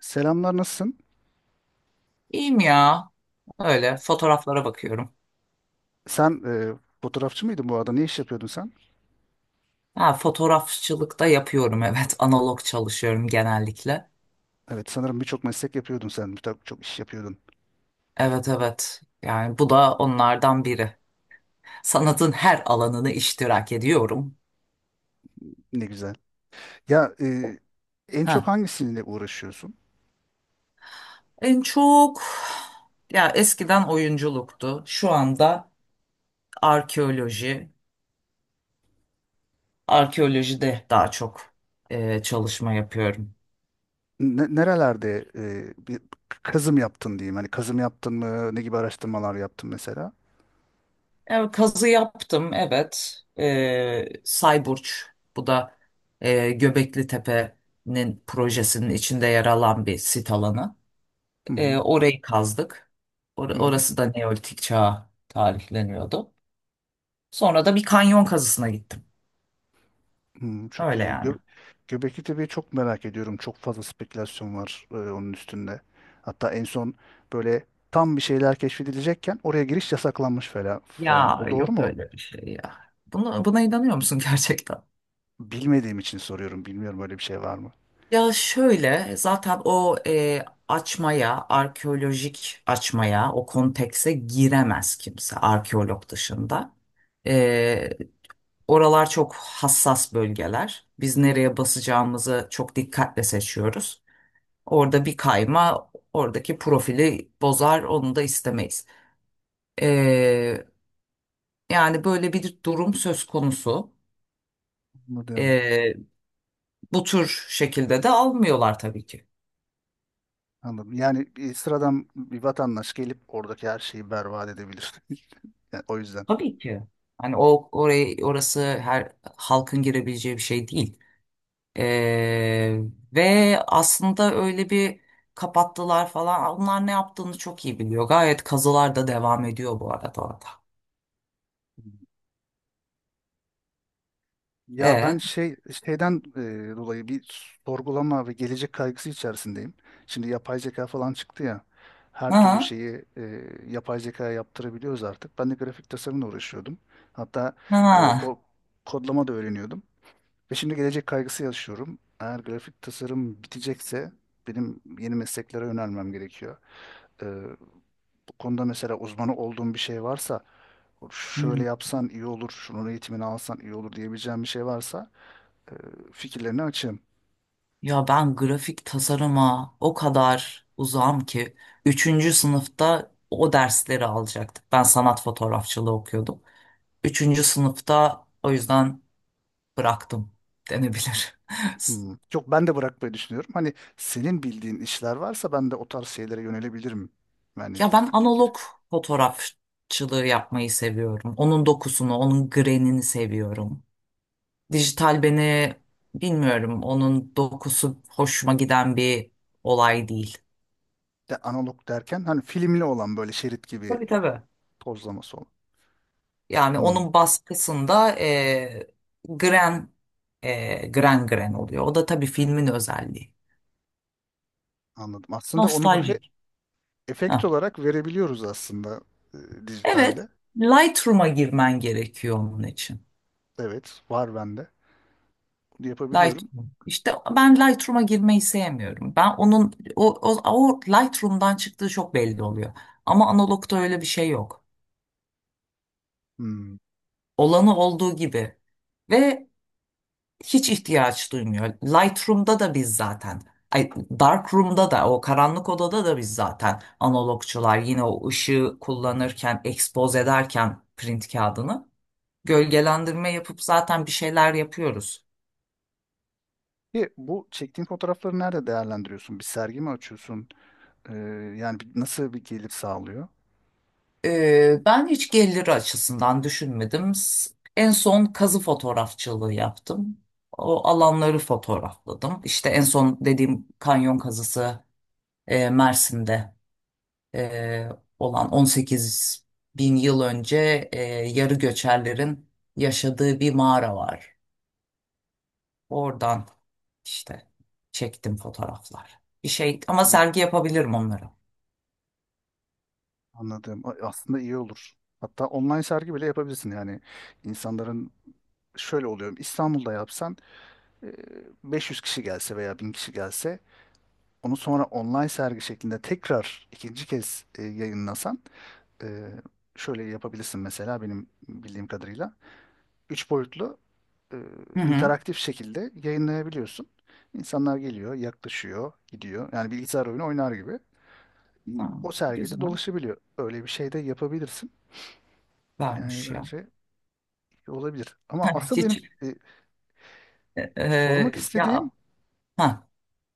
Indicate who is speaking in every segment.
Speaker 1: Selamlar, nasılsın?
Speaker 2: İyiyim ya. Öyle fotoğraflara bakıyorum.
Speaker 1: Sen fotoğrafçı mıydın bu arada? Ne iş yapıyordun sen?
Speaker 2: Ha, fotoğrafçılık da yapıyorum evet. Analog çalışıyorum genellikle.
Speaker 1: Evet, sanırım birçok meslek yapıyordun sen. Birçok iş yapıyordun.
Speaker 2: Evet evet. Yani bu da onlardan biri. Sanatın her alanını iştirak ediyorum.
Speaker 1: Ne güzel. Ya, en çok
Speaker 2: Ha.
Speaker 1: hangisiyle uğraşıyorsun?
Speaker 2: En çok ya eskiden oyunculuktu. Şu anda arkeoloji. Arkeolojide daha çok çalışma yapıyorum.
Speaker 1: Nerelerde bir kazım yaptın diyeyim. Hani kazım yaptın mı? Ne gibi araştırmalar yaptın mesela?
Speaker 2: Evet, kazı yaptım evet. Sayburç bu da Göbekli Tepe'nin projesinin içinde yer alan bir sit alanı.
Speaker 1: Hı hı.
Speaker 2: Orayı kazdık.
Speaker 1: Hı hı.
Speaker 2: Orası da Neolitik çağa tarihleniyordu. Sonra da bir kanyon kazısına gittim.
Speaker 1: Hı, çok
Speaker 2: Öyle
Speaker 1: iyi.
Speaker 2: yani.
Speaker 1: Göbekli Tepe'yi çok merak ediyorum. Çok fazla spekülasyon var onun üstünde. Hatta en son böyle tam bir şeyler keşfedilecekken oraya giriş yasaklanmış falan falan.
Speaker 2: Ya
Speaker 1: O doğru
Speaker 2: yok
Speaker 1: mu?
Speaker 2: öyle bir şey ya. Buna inanıyor musun gerçekten?
Speaker 1: Bilmediğim için soruyorum. Bilmiyorum böyle bir şey var mı?
Speaker 2: Ya şöyle zaten o açmaya, arkeolojik açmaya, o kontekse giremez kimse arkeolog dışında. E, Oralar çok hassas bölgeler. Biz nereye basacağımızı çok dikkatle seçiyoruz. Orada bir kayma oradaki profili bozar, onu da istemeyiz. E, yani böyle bir durum söz konusu.
Speaker 1: Anladım.
Speaker 2: E, bu tür şekilde de almıyorlar tabii ki.
Speaker 1: Anladım. Yani bir sıradan bir vatandaş gelip oradaki her şeyi berbat edebilir. Yani o yüzden.
Speaker 2: Tabii ki. Hani o orayı orası her halkın girebileceği bir şey değil. Ee, ve aslında öyle bir kapattılar falan. Onlar ne yaptığını çok iyi biliyor. Gayet kazılar da devam ediyor bu arada orada.
Speaker 1: Ya ben
Speaker 2: E,
Speaker 1: şeyden dolayı bir sorgulama ve gelecek kaygısı içerisindeyim. Şimdi yapay zeka falan çıktı ya. Her türlü
Speaker 2: ha,
Speaker 1: şeyi yapay zekaya yaptırabiliyoruz artık. Ben de grafik tasarımla uğraşıyordum. Hatta e,
Speaker 2: ha.
Speaker 1: ko- kodlama da öğreniyordum. Ve şimdi gelecek kaygısı yaşıyorum. Eğer grafik tasarım bitecekse benim yeni mesleklere yönelmem gerekiyor. Ee, Bu konuda mesela uzmanı olduğum bir şey varsa, şöyle
Speaker 2: Hmm.
Speaker 1: yapsan iyi olur, şunun eğitimini alsan iyi olur diyebileceğim bir şey varsa e, fikirlerini açığım.
Speaker 2: Ya ben grafik tasarıma o kadar uzağım ki. Üçüncü sınıfta o dersleri alacaktık. Ben sanat fotoğrafçılığı okuyordum. Üçüncü sınıfta o yüzden bıraktım denebilir.
Speaker 1: Hmm. Yok ben de bırakmayı düşünüyorum. Hani senin bildiğin işler varsa ben de o tarz şeylere yönelebilirim. Yani
Speaker 2: Ya ben
Speaker 1: fikir.
Speaker 2: analog fotoğrafçılığı yapmayı seviyorum. Onun dokusunu, onun grenini seviyorum. Dijital beni bilmiyorum. Onun dokusu hoşuma giden bir olay değil.
Speaker 1: De analog derken hani filmli olan böyle şerit gibi
Speaker 2: Tabii tabii.
Speaker 1: tozlaması olan.
Speaker 2: Yani
Speaker 1: Hmm,
Speaker 2: onun baskısında gren gren gren oluyor. O da tabii filmin özelliği.
Speaker 1: anladım. Aslında onu böyle
Speaker 2: Nostaljik.
Speaker 1: efekt
Speaker 2: Ha.
Speaker 1: olarak verebiliyoruz aslında
Speaker 2: Evet,
Speaker 1: dijitalde.
Speaker 2: Lightroom'a girmen gerekiyor onun için.
Speaker 1: Evet, var bende. Bunu yapabiliyorum.
Speaker 2: Lightroom. İşte ben Lightroom'a girmeyi sevmiyorum. Ben onun o Lightroom'dan çıktığı çok belli oluyor. Ama analogta öyle bir şey yok.
Speaker 1: Hmm.
Speaker 2: Olanı olduğu gibi ve hiç ihtiyaç duymuyor. Lightroom'da da biz zaten Ay, Darkroom'da da o karanlık odada da biz zaten analogçular yine o ışığı kullanırken expose ederken print kağıdını gölgelendirme yapıp zaten bir şeyler yapıyoruz.
Speaker 1: E, bu çektiğin fotoğrafları nerede değerlendiriyorsun? Bir sergi mi açıyorsun? E, Yani nasıl bir gelir sağlıyor?
Speaker 2: Ben hiç gelir açısından düşünmedim. En son kazı fotoğrafçılığı yaptım. O alanları fotoğrafladım. İşte en son dediğim kanyon kazısı Mersin'de e, olan 18 bin yıl önce yarı göçerlerin yaşadığı bir mağara var. Oradan işte çektim fotoğraflar. Bir şey ama
Speaker 1: Hmm,
Speaker 2: sergi yapabilirim onları.
Speaker 1: anladım. Aslında iyi olur. Hatta online sergi bile yapabilirsin. Yani insanların şöyle oluyor. İstanbul'da yapsan e, 500 kişi gelse veya 1.000 kişi gelse onu sonra online sergi şeklinde tekrar ikinci kez yayınlasan. Ee, Şöyle yapabilirsin mesela benim bildiğim kadarıyla. Üç boyutlu e,
Speaker 2: Hı hı.
Speaker 1: interaktif şekilde yayınlayabiliyorsun. İnsanlar geliyor, yaklaşıyor, gidiyor. Yani bilgisayar oyunu oynar gibi.
Speaker 2: Ha,
Speaker 1: O sergide
Speaker 2: güzel.
Speaker 1: dolaşabiliyor. Öyle bir şey de yapabilirsin. Yani
Speaker 2: Vermiş ya.
Speaker 1: bence olabilir. Ama asıl benim
Speaker 2: Hiç.
Speaker 1: e, sormak istediğim,
Speaker 2: Ya, ha,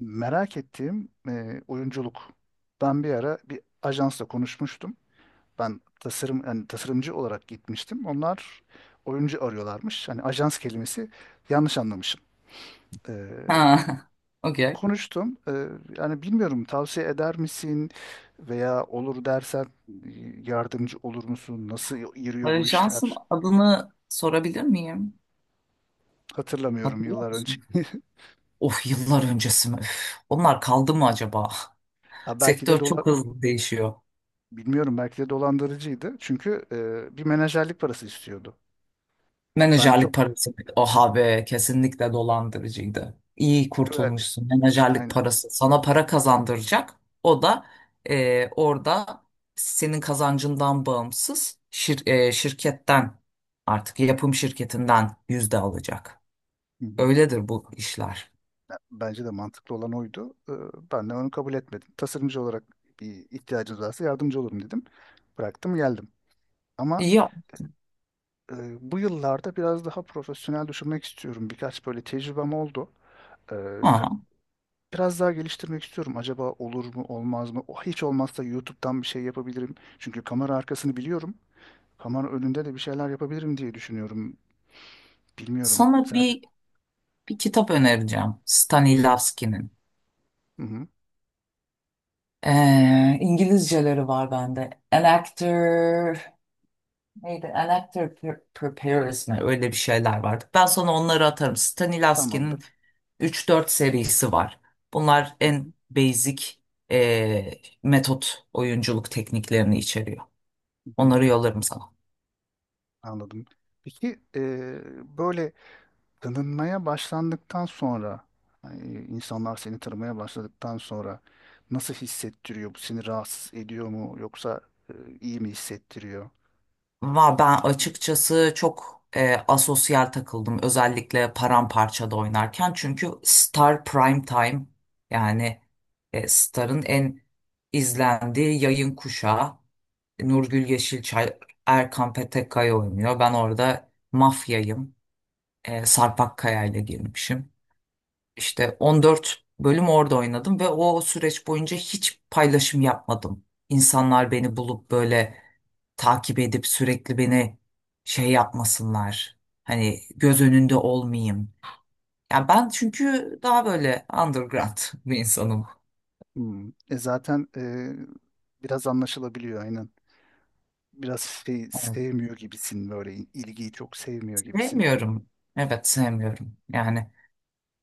Speaker 1: merak ettiğim oyunculuk. Ben bir ara bir ajansla konuşmuştum. Ben tasarım yani tasarımcı olarak gitmiştim. Onlar oyuncu arıyorlarmış. Hani ajans kelimesi yanlış anlamışım. Ee,
Speaker 2: ha, okey.
Speaker 1: Konuştum. Yani bilmiyorum tavsiye eder misin veya olur dersen e, yardımcı olur musun? Nasıl yürüyor bu
Speaker 2: Jans'ın
Speaker 1: işler?
Speaker 2: adını sorabilir miyim?
Speaker 1: Hatırlamıyorum
Speaker 2: Hatırlıyor
Speaker 1: yıllar önce.
Speaker 2: musun? Of, yıllar öncesi mi? Üf, onlar kaldı mı acaba?
Speaker 1: Ya belki de
Speaker 2: Sektör çok hızlı değişiyor.
Speaker 1: bilmiyorum belki de dolandırıcıydı. Çünkü bir menajerlik parası istiyordu. Ben
Speaker 2: Menajerlik
Speaker 1: çok
Speaker 2: parası. Oha be, kesinlikle dolandırıcıydı. İyi
Speaker 1: güven
Speaker 2: kurtulmuşsun. Menajerlik
Speaker 1: Aynen.
Speaker 2: parası sana para kazandıracak. O da orada senin kazancından bağımsız şirketten, artık yapım şirketinden yüzde alacak.
Speaker 1: Hı hı.
Speaker 2: Öyledir bu işler.
Speaker 1: Bence de mantıklı olan oydu. Ben de onu kabul etmedim. Tasarımcı olarak bir ihtiyacınız varsa yardımcı olurum dedim. Bıraktım geldim. Ama
Speaker 2: Ya
Speaker 1: e, bu yıllarda biraz daha profesyonel düşünmek istiyorum. Birkaç böyle tecrübem oldu. Ee,
Speaker 2: ha,
Speaker 1: Biraz daha geliştirmek istiyorum. Acaba olur mu olmaz mı? O hiç olmazsa YouTube'dan bir şey yapabilirim. Çünkü kamera arkasını biliyorum. Kamera önünde de bir şeyler yapabilirim diye düşünüyorum. Bilmiyorum.
Speaker 2: sana
Speaker 1: Sen...
Speaker 2: bir kitap önereceğim. Stanislavski'nin.
Speaker 1: Hı hı,
Speaker 2: İngilizceleri var bende. An Actor neydi? An Actor Prepares mi? Öyle bir şeyler vardı. Ben sana onları atarım. Stanislavski'nin
Speaker 1: tamamdır.
Speaker 2: üç dört serisi var. Bunlar
Speaker 1: Hı
Speaker 2: en
Speaker 1: hı,
Speaker 2: basic ee, metot oyunculuk tekniklerini içeriyor.
Speaker 1: hı hı,
Speaker 2: Onları yollarım sana.
Speaker 1: anladım. Peki böyle tanınmaya başlandıktan sonra yani insanlar seni tanımaya başladıktan sonra nasıl hissettiriyor? Bu seni rahatsız ediyor mu yoksa e, iyi mi hissettiriyor?
Speaker 2: Va ben açıkçası çok asosyal takıldım, özellikle paramparçada oynarken. Çünkü Star Prime Time, yani Star'ın en izlendiği yayın kuşağı. Nurgül Yeşilçay, Erkan Petekkaya oynuyor. Ben orada mafyayım. Sarp Akkaya ile girmişim. İşte 14 bölüm orada oynadım ve o süreç boyunca hiç paylaşım yapmadım. İnsanlar beni bulup böyle takip edip sürekli beni şey yapmasınlar. Hani göz önünde olmayayım. Ya ben çünkü daha böyle underground bir insanım.
Speaker 1: Hmm. E zaten biraz anlaşılabiliyor aynen. Biraz şey
Speaker 2: Evet,
Speaker 1: sevmiyor gibisin böyle ilgiyi çok sevmiyor gibisin.
Speaker 2: sevmiyorum. Evet, sevmiyorum. Yani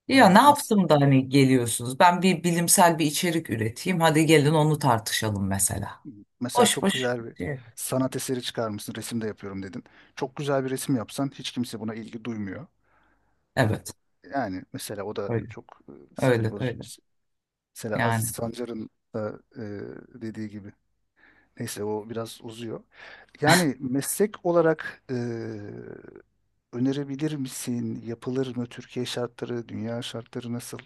Speaker 2: ya ne
Speaker 1: Anladım.
Speaker 2: yaptım da hani geliyorsunuz? Ben bir bilimsel bir içerik üreteyim. Hadi gelin onu tartışalım mesela.
Speaker 1: Mesela
Speaker 2: Boş
Speaker 1: çok
Speaker 2: boş.
Speaker 1: güzel bir
Speaker 2: Şey.
Speaker 1: sanat eseri çıkarmışsın, resim de yapıyorum dedin. Çok güzel bir resim yapsan hiç kimse buna ilgi duymuyor.
Speaker 2: Evet.
Speaker 1: Yani mesela o da
Speaker 2: Öyle.
Speaker 1: çok sinir
Speaker 2: Öyle
Speaker 1: bozucu.
Speaker 2: öyle.
Speaker 1: Mesela Aziz
Speaker 2: Yani
Speaker 1: Sancar'ın da dediği gibi. Neyse o biraz uzuyor. Yani meslek olarak önerebilir misin? Yapılır mı? Türkiye şartları, dünya şartları nasıl?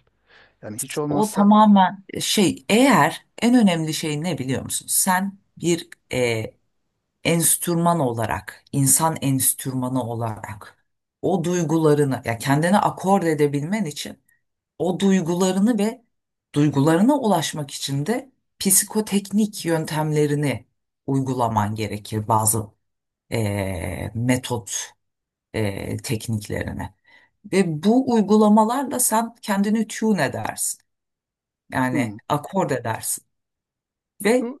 Speaker 1: Yani hiç
Speaker 2: o
Speaker 1: olmazsa
Speaker 2: tamamen şey, eğer en önemli şey ne biliyor musun? Sen bir enstrüman olarak, insan enstrümanı olarak o duygularını ya kendine akord edebilmen için, o duygularını ve duygularına ulaşmak için de psikoteknik yöntemlerini uygulaman gerekir, bazı metot tekniklerini. Ve bu uygulamalarla sen kendini tune edersin.
Speaker 1: hmm,
Speaker 2: Yani akord edersin. Ve
Speaker 1: şu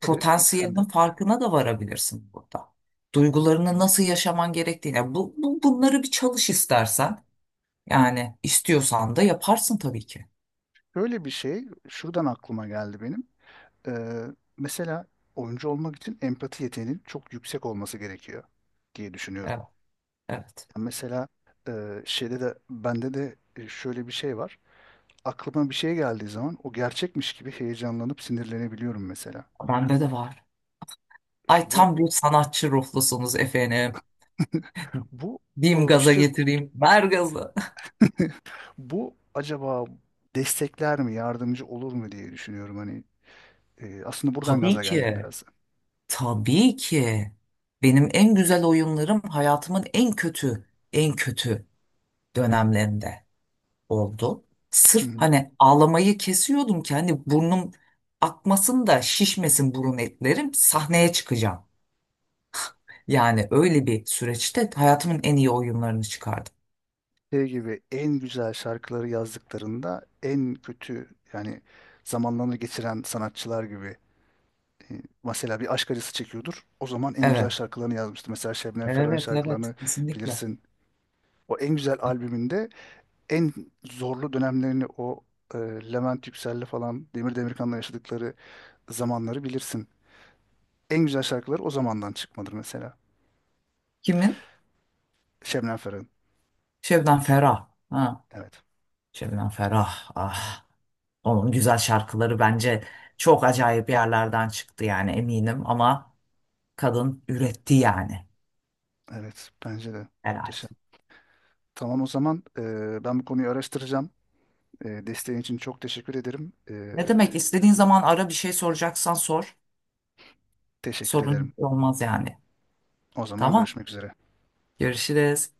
Speaker 1: tabii sen
Speaker 2: potansiyelinin
Speaker 1: de
Speaker 2: farkına da varabilirsin burada. Duygularını
Speaker 1: hmm,
Speaker 2: nasıl yaşaman gerektiğine. Bunları bir çalış istersen. Yani istiyorsan da yaparsın tabii ki.
Speaker 1: böyle bir şey şuradan aklıma geldi benim. Ee, Mesela oyuncu olmak için empati yeteneğinin çok yüksek olması gerekiyor diye düşünüyorum.
Speaker 2: Evet, evet.
Speaker 1: Yani mesela şeyde de bende de şöyle bir şey var. Aklıma bir şey geldiği zaman o gerçekmiş gibi heyecanlanıp sinirlenebiliyorum mesela.
Speaker 2: Bende de var. Ay,
Speaker 1: İşte bu
Speaker 2: tam bir sanatçı ruhlusunuz efendim.
Speaker 1: bu
Speaker 2: Diyeyim gaza
Speaker 1: işte
Speaker 2: getireyim. Ver gazı.
Speaker 1: bu acaba destekler mi, yardımcı olur mu diye düşünüyorum. Hani aslında buradan
Speaker 2: Tabii
Speaker 1: gaza geldim
Speaker 2: ki.
Speaker 1: biraz.
Speaker 2: Tabii ki. Benim en güzel oyunlarım hayatımın en kötü, en kötü dönemlerinde oldu.
Speaker 1: Hı
Speaker 2: Sırf
Speaker 1: hı.
Speaker 2: hani ağlamayı kesiyordum ki, hani burnum akmasın da şişmesin, burun etlerim sahneye çıkacağım. Yani öyle bir süreçte hayatımın en iyi oyunlarını çıkardım.
Speaker 1: Şey gibi en güzel şarkıları yazdıklarında en kötü yani zamanlarını geçiren sanatçılar gibi mesela bir aşk acısı çekiyordur. O zaman en güzel
Speaker 2: Evet,
Speaker 1: şarkılarını yazmıştı. Mesela Şebnem Ferah'ın
Speaker 2: evet, evet,
Speaker 1: şarkılarını
Speaker 2: kesinlikle.
Speaker 1: bilirsin. O en güzel albümünde en zorlu dönemlerini o e, Levent Yüksel'le falan Demir Demirkan'la yaşadıkları zamanları bilirsin. En güzel şarkıları o zamandan çıkmadır mesela.
Speaker 2: Kimin?
Speaker 1: Şebnem Ferah'ın.
Speaker 2: Şebnem Ferah. Ha,
Speaker 1: Evet.
Speaker 2: Şebnem Ferah. Ah, onun güzel şarkıları bence çok acayip yerlerden çıktı yani, eminim, ama kadın üretti yani
Speaker 1: Evet. Bence de.
Speaker 2: herhalde.
Speaker 1: Muhteşem. Tamam o zaman ben bu konuyu araştıracağım. Desteğin için çok teşekkür ederim.
Speaker 2: Ne demek, istediğin zaman ara, bir şey soracaksan sor.
Speaker 1: Teşekkür ederim.
Speaker 2: Sorun olmaz yani.
Speaker 1: O zaman
Speaker 2: Tamam.
Speaker 1: görüşmek üzere.
Speaker 2: Görüşürüz.